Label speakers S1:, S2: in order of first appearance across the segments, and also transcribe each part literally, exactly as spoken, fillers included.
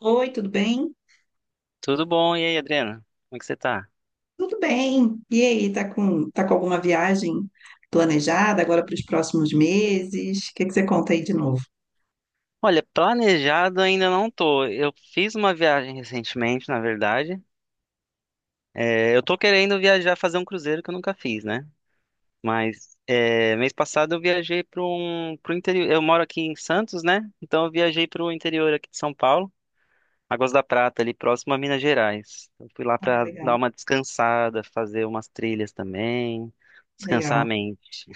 S1: Oi, tudo bem?
S2: Tudo bom? E aí, Adriana? Como é que você tá?
S1: Tudo bem. E aí, tá com, tá com alguma viagem planejada agora para os próximos meses? O que que você conta aí de novo?
S2: Olha, planejado ainda não tô. Eu fiz uma viagem recentemente, na verdade. É, eu tô querendo viajar, fazer um cruzeiro que eu nunca fiz, né? Mas é, mês passado eu viajei para um, pro interior. Eu moro aqui em Santos, né? Então eu viajei para o interior aqui de São Paulo, Águas da Prata, ali próximo a Minas Gerais. Eu fui lá
S1: Ah,
S2: para dar
S1: legal,
S2: uma descansada, fazer umas trilhas também, descansar a
S1: legal.
S2: mente.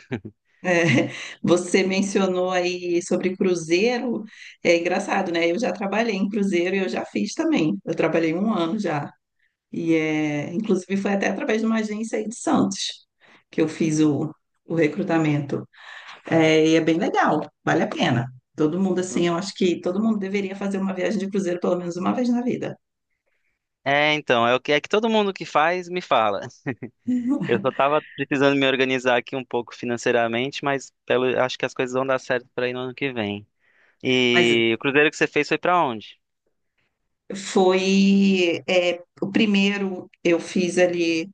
S1: É, você mencionou aí sobre cruzeiro. É engraçado, né? Eu já trabalhei em cruzeiro e eu já fiz também. Eu trabalhei um ano já. E é, inclusive foi até através de uma agência aí de Santos que eu fiz o, o recrutamento. É, e é bem legal, vale a pena. Todo mundo, assim, eu acho que todo mundo deveria fazer uma viagem de cruzeiro pelo menos uma vez na vida.
S2: É, então, é o que é que todo mundo que faz me fala. Eu só tava precisando me organizar aqui um pouco financeiramente, mas pelo, acho que as coisas vão dar certo para ir no ano que vem.
S1: Mas
S2: E o cruzeiro que você fez foi para onde?
S1: foi, é, o primeiro eu fiz ali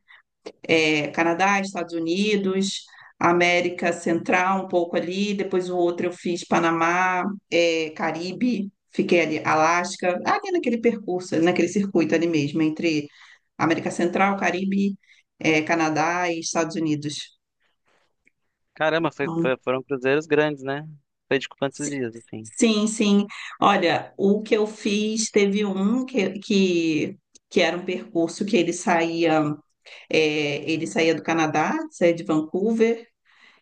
S1: é, Canadá, Estados Unidos, América Central um pouco ali, depois o outro eu fiz Panamá, é, Caribe, fiquei ali, Alasca, ali naquele percurso, naquele circuito ali mesmo, entre América Central, Caribe, é, Canadá e Estados Unidos.
S2: Caramba, foi-
S1: Então,
S2: foi- foram cruzeiros grandes, né? Foi de quantos dias, assim?
S1: sim, sim. Olha, o que eu fiz, teve um que, que, que era um percurso que ele saía, é, ele saía do Canadá, saía de Vancouver,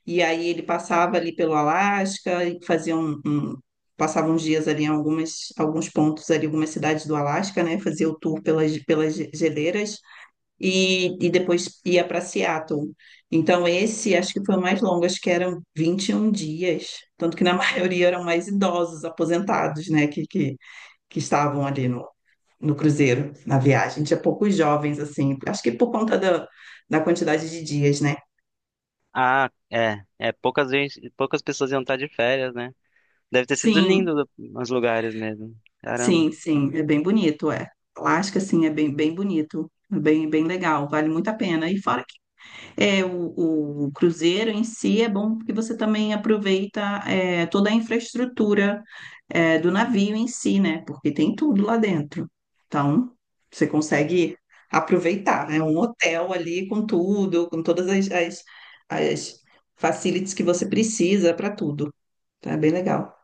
S1: e aí ele passava ali pelo Alasca e fazia um, um- passava uns dias ali em algumas, alguns pontos ali, algumas cidades do Alasca, né? Fazia o tour pelas, pelas geleiras e, e depois ia para Seattle. Então, esse acho que foi o mais longo, acho que eram vinte e um dias. Tanto que na maioria eram mais idosos, aposentados, né, que, que, que estavam ali no, no cruzeiro, na viagem. Tinha poucos jovens, assim, acho que por conta da, da quantidade de dias, né?
S2: Ah, é, é, poucas vezes, poucas pessoas iam estar de férias, né? Deve ter sido
S1: Sim,
S2: lindo os lugares mesmo. Caramba,
S1: sim, sim, é bem bonito, é. Alasca, sim, é bem, bem bonito, é bem, bem legal, vale muito a pena. E fora É, o, o, cruzeiro em si é bom porque você também aproveita é, toda a infraestrutura é, do navio em si, né? Porque tem tudo lá dentro. Então, você consegue aproveitar, né? Um hotel ali com tudo, com todas as, as, as facilities que você precisa para tudo. Tá. É bem legal.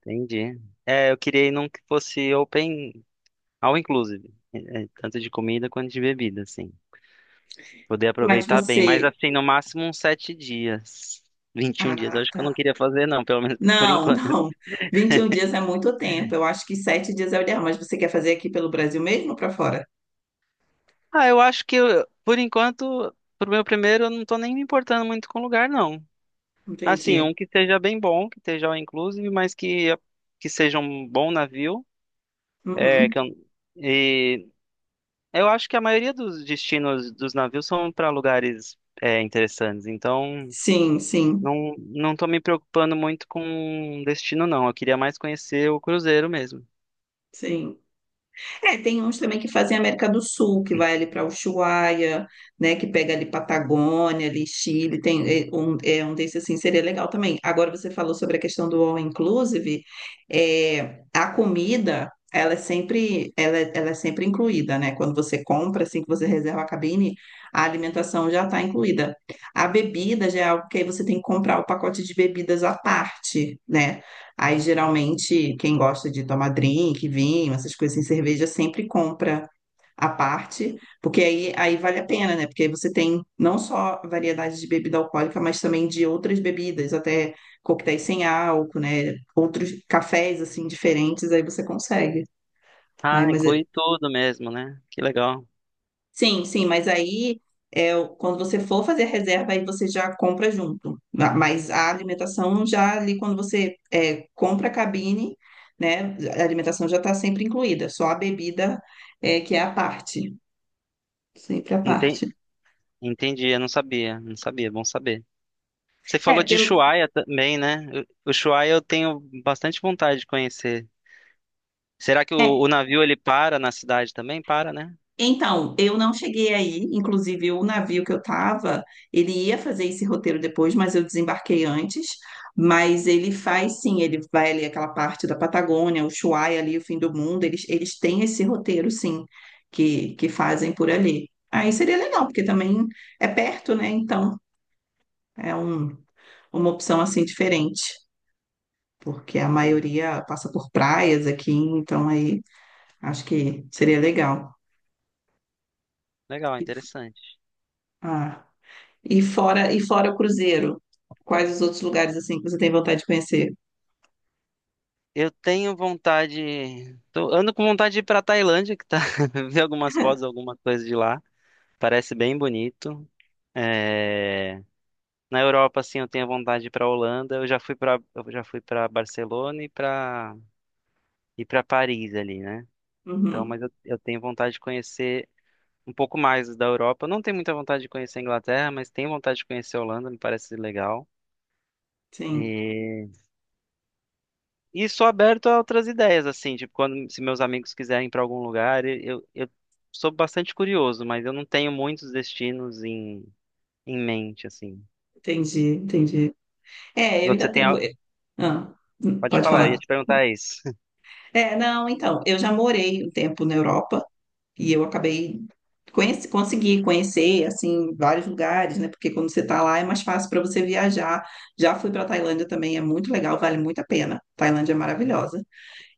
S2: entendi. É, eu queria ir num que fosse open, all inclusive, é, é, tanto de comida quanto de bebida, assim. Poder
S1: Mas
S2: aproveitar bem, mas
S1: você.
S2: assim, no máximo uns sete dias. Vinte e um dias, eu
S1: Ah,
S2: acho que eu
S1: tá.
S2: não queria fazer, não, pelo menos por
S1: Não,
S2: enquanto.
S1: não. Vinte e um dias é muito tempo. Eu acho que sete dias é o ideal. Mas você quer fazer aqui pelo Brasil mesmo ou para fora?
S2: Ah, eu acho que, eu- por enquanto, pro meu primeiro, eu não tô nem me importando muito com o lugar, não. Assim,
S1: Entendi.
S2: um que seja bem bom, que esteja all inclusive, mas que, que seja um bom navio. É,
S1: Uhum.
S2: que eu, e eu acho que a maioria dos destinos dos navios são para lugares, é, interessantes, então.
S1: Sim, sim,
S2: Não, não tô me preocupando muito com um destino, não. Eu queria mais conhecer o cruzeiro mesmo.
S1: sim. É, tem uns também que fazem América do Sul, que vai ali para Ushuaia, né, que pega ali Patagônia, ali Chile, tem é, um, é, um desses assim, seria legal também. Agora você falou sobre a questão do all inclusive, é, a comida, ela é sempre, ela, é- ela é sempre incluída, né? Quando você compra, assim, que você reserva a cabine, a alimentação já está incluída. A bebida já é algo que aí você tem que comprar o pacote de bebidas à parte, né? Aí, geralmente, quem gosta de tomar drink, vinho, essas coisas em cerveja, sempre compra à parte, porque aí, aí vale a pena, né? Porque aí você tem não só variedade de bebida alcoólica, mas também de outras bebidas, até coquetéis sem álcool, né? Outros cafés, assim, diferentes, aí você consegue. Ai,
S2: Ah,
S1: mas é.
S2: inclui tudo mesmo, né? Que legal.
S1: Sim, sim. Mas aí, é, o- quando você for fazer a reserva, aí você já compra junto. Ma- Mas a alimentação já ali, quando você é, compra a cabine, né? A alimentação já está sempre incluída, só a bebida é, que é à parte, sempre à
S2: Enten-
S1: parte.
S2: Entendi, eu não sabia, não sabia, bom saber. Você
S1: É,
S2: falou de
S1: pelo.
S2: Ushuaia também, né? O o Ushuaia eu tenho bastante vontade de conhecer. Será que o, o navio ele para na cidade também? Para, né?
S1: Então, eu não cheguei aí, inclusive o navio que eu estava, ele ia fazer esse roteiro depois, mas eu desembarquei antes. Mas ele faz sim, ele vai ali aquela parte da Patagônia, o Ushuaia ali, o fim do mundo, eles, eles têm esse roteiro sim, que, que fazem por ali. Aí seria legal, porque também é perto, né? Então, é um, uma opção assim diferente, porque a
S2: Sim.
S1: maioria passa por praias aqui, então aí acho que seria legal.
S2: Legal, interessante.
S1: Ah. E fora, e fora o cruzeiro, quais os outros lugares assim que você tem vontade de conhecer?
S2: Eu tenho vontade, tô- ando com vontade de ir para Tailândia, que tá, ver algumas fotos, alguma coisa de lá. Parece bem bonito. É... Na Europa, assim, eu tenho vontade de ir pra Holanda. Eu já fui pra eu já fui para Barcelona e pra e para Paris ali, né? Então, mas
S1: Uhum,
S2: eu, eu tenho vontade de conhecer um pouco mais da Europa. Eu não tenho muita vontade de conhecer a Inglaterra, mas tenho vontade de conhecer a Holanda, me parece legal.
S1: sim,
S2: E, e sou aberto a outras ideias, assim, tipo, quando se meus amigos quiserem ir pra algum lugar, eu, eu sou bastante curioso, mas eu não tenho muitos destinos em, em mente, assim.
S1: entendi, entendi. É, eu
S2: Você
S1: ainda
S2: tem,
S1: tenho.
S2: a-
S1: Ah,
S2: pode
S1: pode
S2: falar, eu ia
S1: falar.
S2: te perguntar isso.
S1: É, não, então, eu já morei um tempo na Europa e eu acabei conheci, consegui conhecer assim vários lugares, né? Porque quando você está lá é mais fácil para você viajar. Já fui para Tailândia também, é muito legal, vale muito a pena. Tailândia é maravilhosa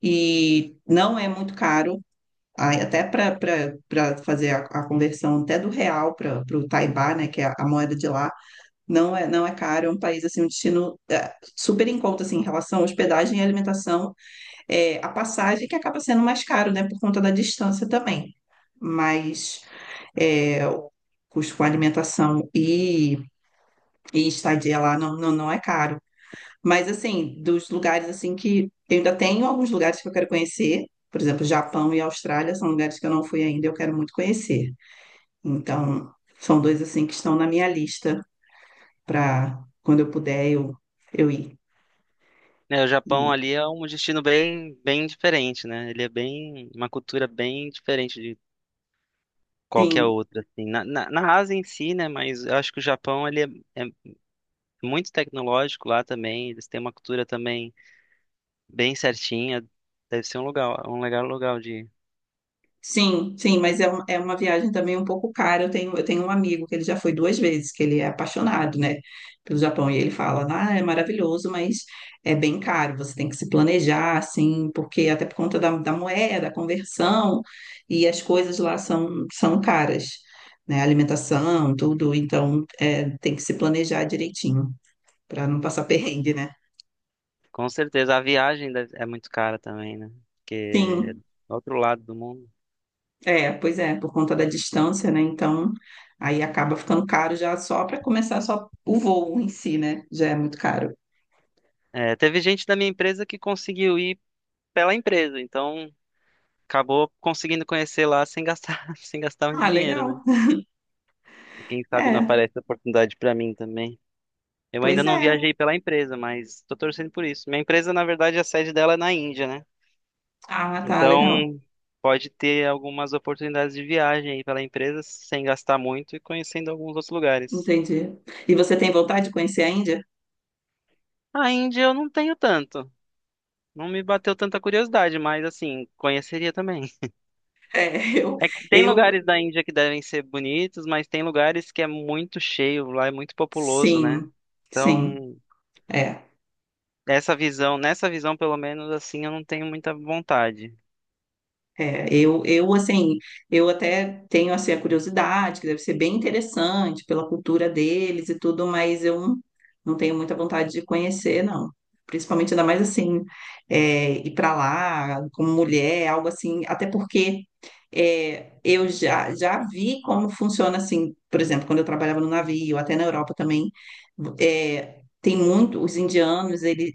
S1: e não é muito caro. Aí, até para fazer a, a conversão até do real para o Taibá, né, que é a, a moeda de lá, não é, não é caro, é um país, assim, um destino é, super em conta, assim, em relação à hospedagem e alimentação, é, a passagem que acaba sendo mais caro, né, por conta da distância também, mas é, o custo com alimentação e, e estadia lá não, não, não é caro. Mas assim, dos lugares assim que eu ainda tenho alguns lugares que eu quero conhecer, por exemplo, Japão e Austrália são lugares que eu não fui ainda e eu quero muito conhecer. Então, são dois assim que estão na minha lista para quando eu puder eu eu ir.
S2: É, o Japão
S1: E,
S2: ali é um destino bem, bem diferente, né? Ele é bem, uma cultura bem diferente de qualquer
S1: sim,
S2: outra, assim. Na, na, na Ásia em si, né? Mas eu acho que o Japão, ele é, é muito tecnológico lá também. Eles têm uma cultura também bem certinha. Deve ser um lugar, um legal lugar de ir.
S1: sim, sim, mas é, um- é uma viagem também um pouco cara. Eu tenho, eu tenho um amigo que ele já foi duas vezes, que ele é apaixonado, né, pelo Japão. E ele fala, ah, é maravilhoso, mas é bem caro. Você tem que se planejar, assim, porque até por conta da, da moeda, a conversão, e as coisas lá são, são caras, né? A alimentação, tudo. Então, é, tem que se planejar direitinho, para não passar perrengue, né?
S2: Com certeza. A viagem deve- é muito cara também, né? Porque é
S1: Sim.
S2: do outro lado do mundo.
S1: É, pois é, por conta da distância, né? Então, aí acaba ficando caro já só para começar só o voo em si, né? Já é muito caro.
S2: É, teve gente da minha empresa que conseguiu ir pela empresa, então acabou conseguindo conhecer lá sem gastar, sem gastar um
S1: Ah,
S2: dinheiro, né?
S1: legal.
S2: Quem sabe não
S1: É,
S2: aparece a oportunidade para mim também. Eu ainda
S1: pois
S2: não
S1: é.
S2: viajei pela empresa, mas estou torcendo por isso. Minha empresa, na verdade, a sede dela é na Índia, né?
S1: Ah, tá, legal.
S2: Então, pode ter algumas oportunidades de viagem aí pela empresa sem gastar muito e conhecendo alguns outros lugares.
S1: Entendi. E você tem vontade de conhecer a Índia?
S2: A Índia eu não tenho tanto. Não me bateu tanta curiosidade, mas assim, conheceria também.
S1: É, eu,
S2: É que tem
S1: eu,
S2: lugares da Índia que devem ser bonitos, mas tem lugares que é muito cheio, lá é muito populoso,
S1: sim,
S2: né?
S1: sim.
S2: Então,
S1: É.
S2: essa visão, nessa visão, pelo menos, assim, eu não tenho muita vontade.
S1: É, eu, eu, assim, eu até tenho, assim, a curiosidade, que deve ser bem interessante pela cultura deles e tudo, mas eu não não tenho muita vontade de conhecer, não. Principalmente, ainda mais, assim, é, ir para lá como mulher, algo assim, até porque é, eu já, já vi como funciona, assim, por exemplo, quando eu trabalhava no navio, até na Europa também, é, tem muito, os indianos, eles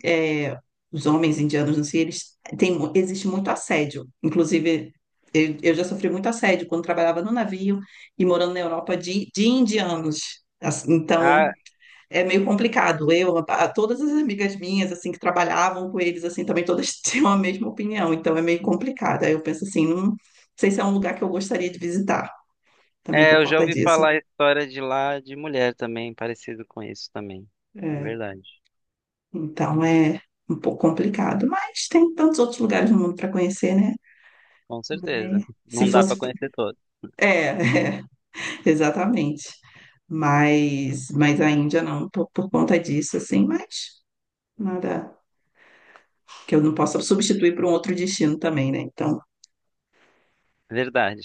S1: os homens indianos no si, eles tem, mu- existe muito assédio. Inclusive, eu, eu já sofri muito assédio quando trabalhava no navio e morando na Europa de, de indianos. Assim, então,
S2: Ah,
S1: é meio complicado. Eu, a- todas as amigas minhas, assim, que trabalhavam com eles, assim, também todas tinham a mesma opinião. Então, é meio complicado. Aí eu penso assim, não sei se é um lugar que eu gostaria de visitar, também
S2: é,
S1: por
S2: eu já
S1: conta
S2: ouvi
S1: disso.
S2: falar a história de lá de mulher também, parecido com isso também. É
S1: É.
S2: verdade.
S1: Então, é um pouco complicado. Mas tem tantos outros lugares no mundo para conhecer, né?
S2: Com
S1: Mas
S2: certeza.
S1: se
S2: Não dá pra
S1: fosse.
S2: conhecer todo.
S1: É, é, exatamente. Mas, mas a Índia não, por, por conta disso, assim, mas nada que eu não possa substituir por um outro destino também, né? Então,
S2: Verdade.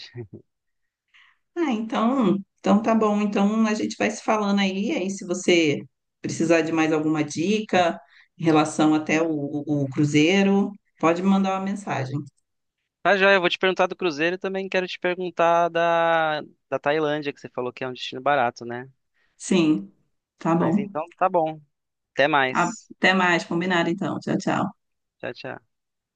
S1: ah, então, então tá bom. Então a gente vai se falando aí, aí se você precisar de mais alguma dica em relação até o, o, o cruzeiro, pode me mandar uma mensagem.
S2: Tá, joia, eu vou te perguntar do Cruzeiro e também quero te perguntar da, da Tailândia, que você falou que é um destino barato, né?
S1: Sim, tá
S2: Mas
S1: bom.
S2: então, tá bom. Até
S1: Ah,
S2: mais.
S1: até mais, combinado então. Tchau, tchau.
S2: Tchau, tchau.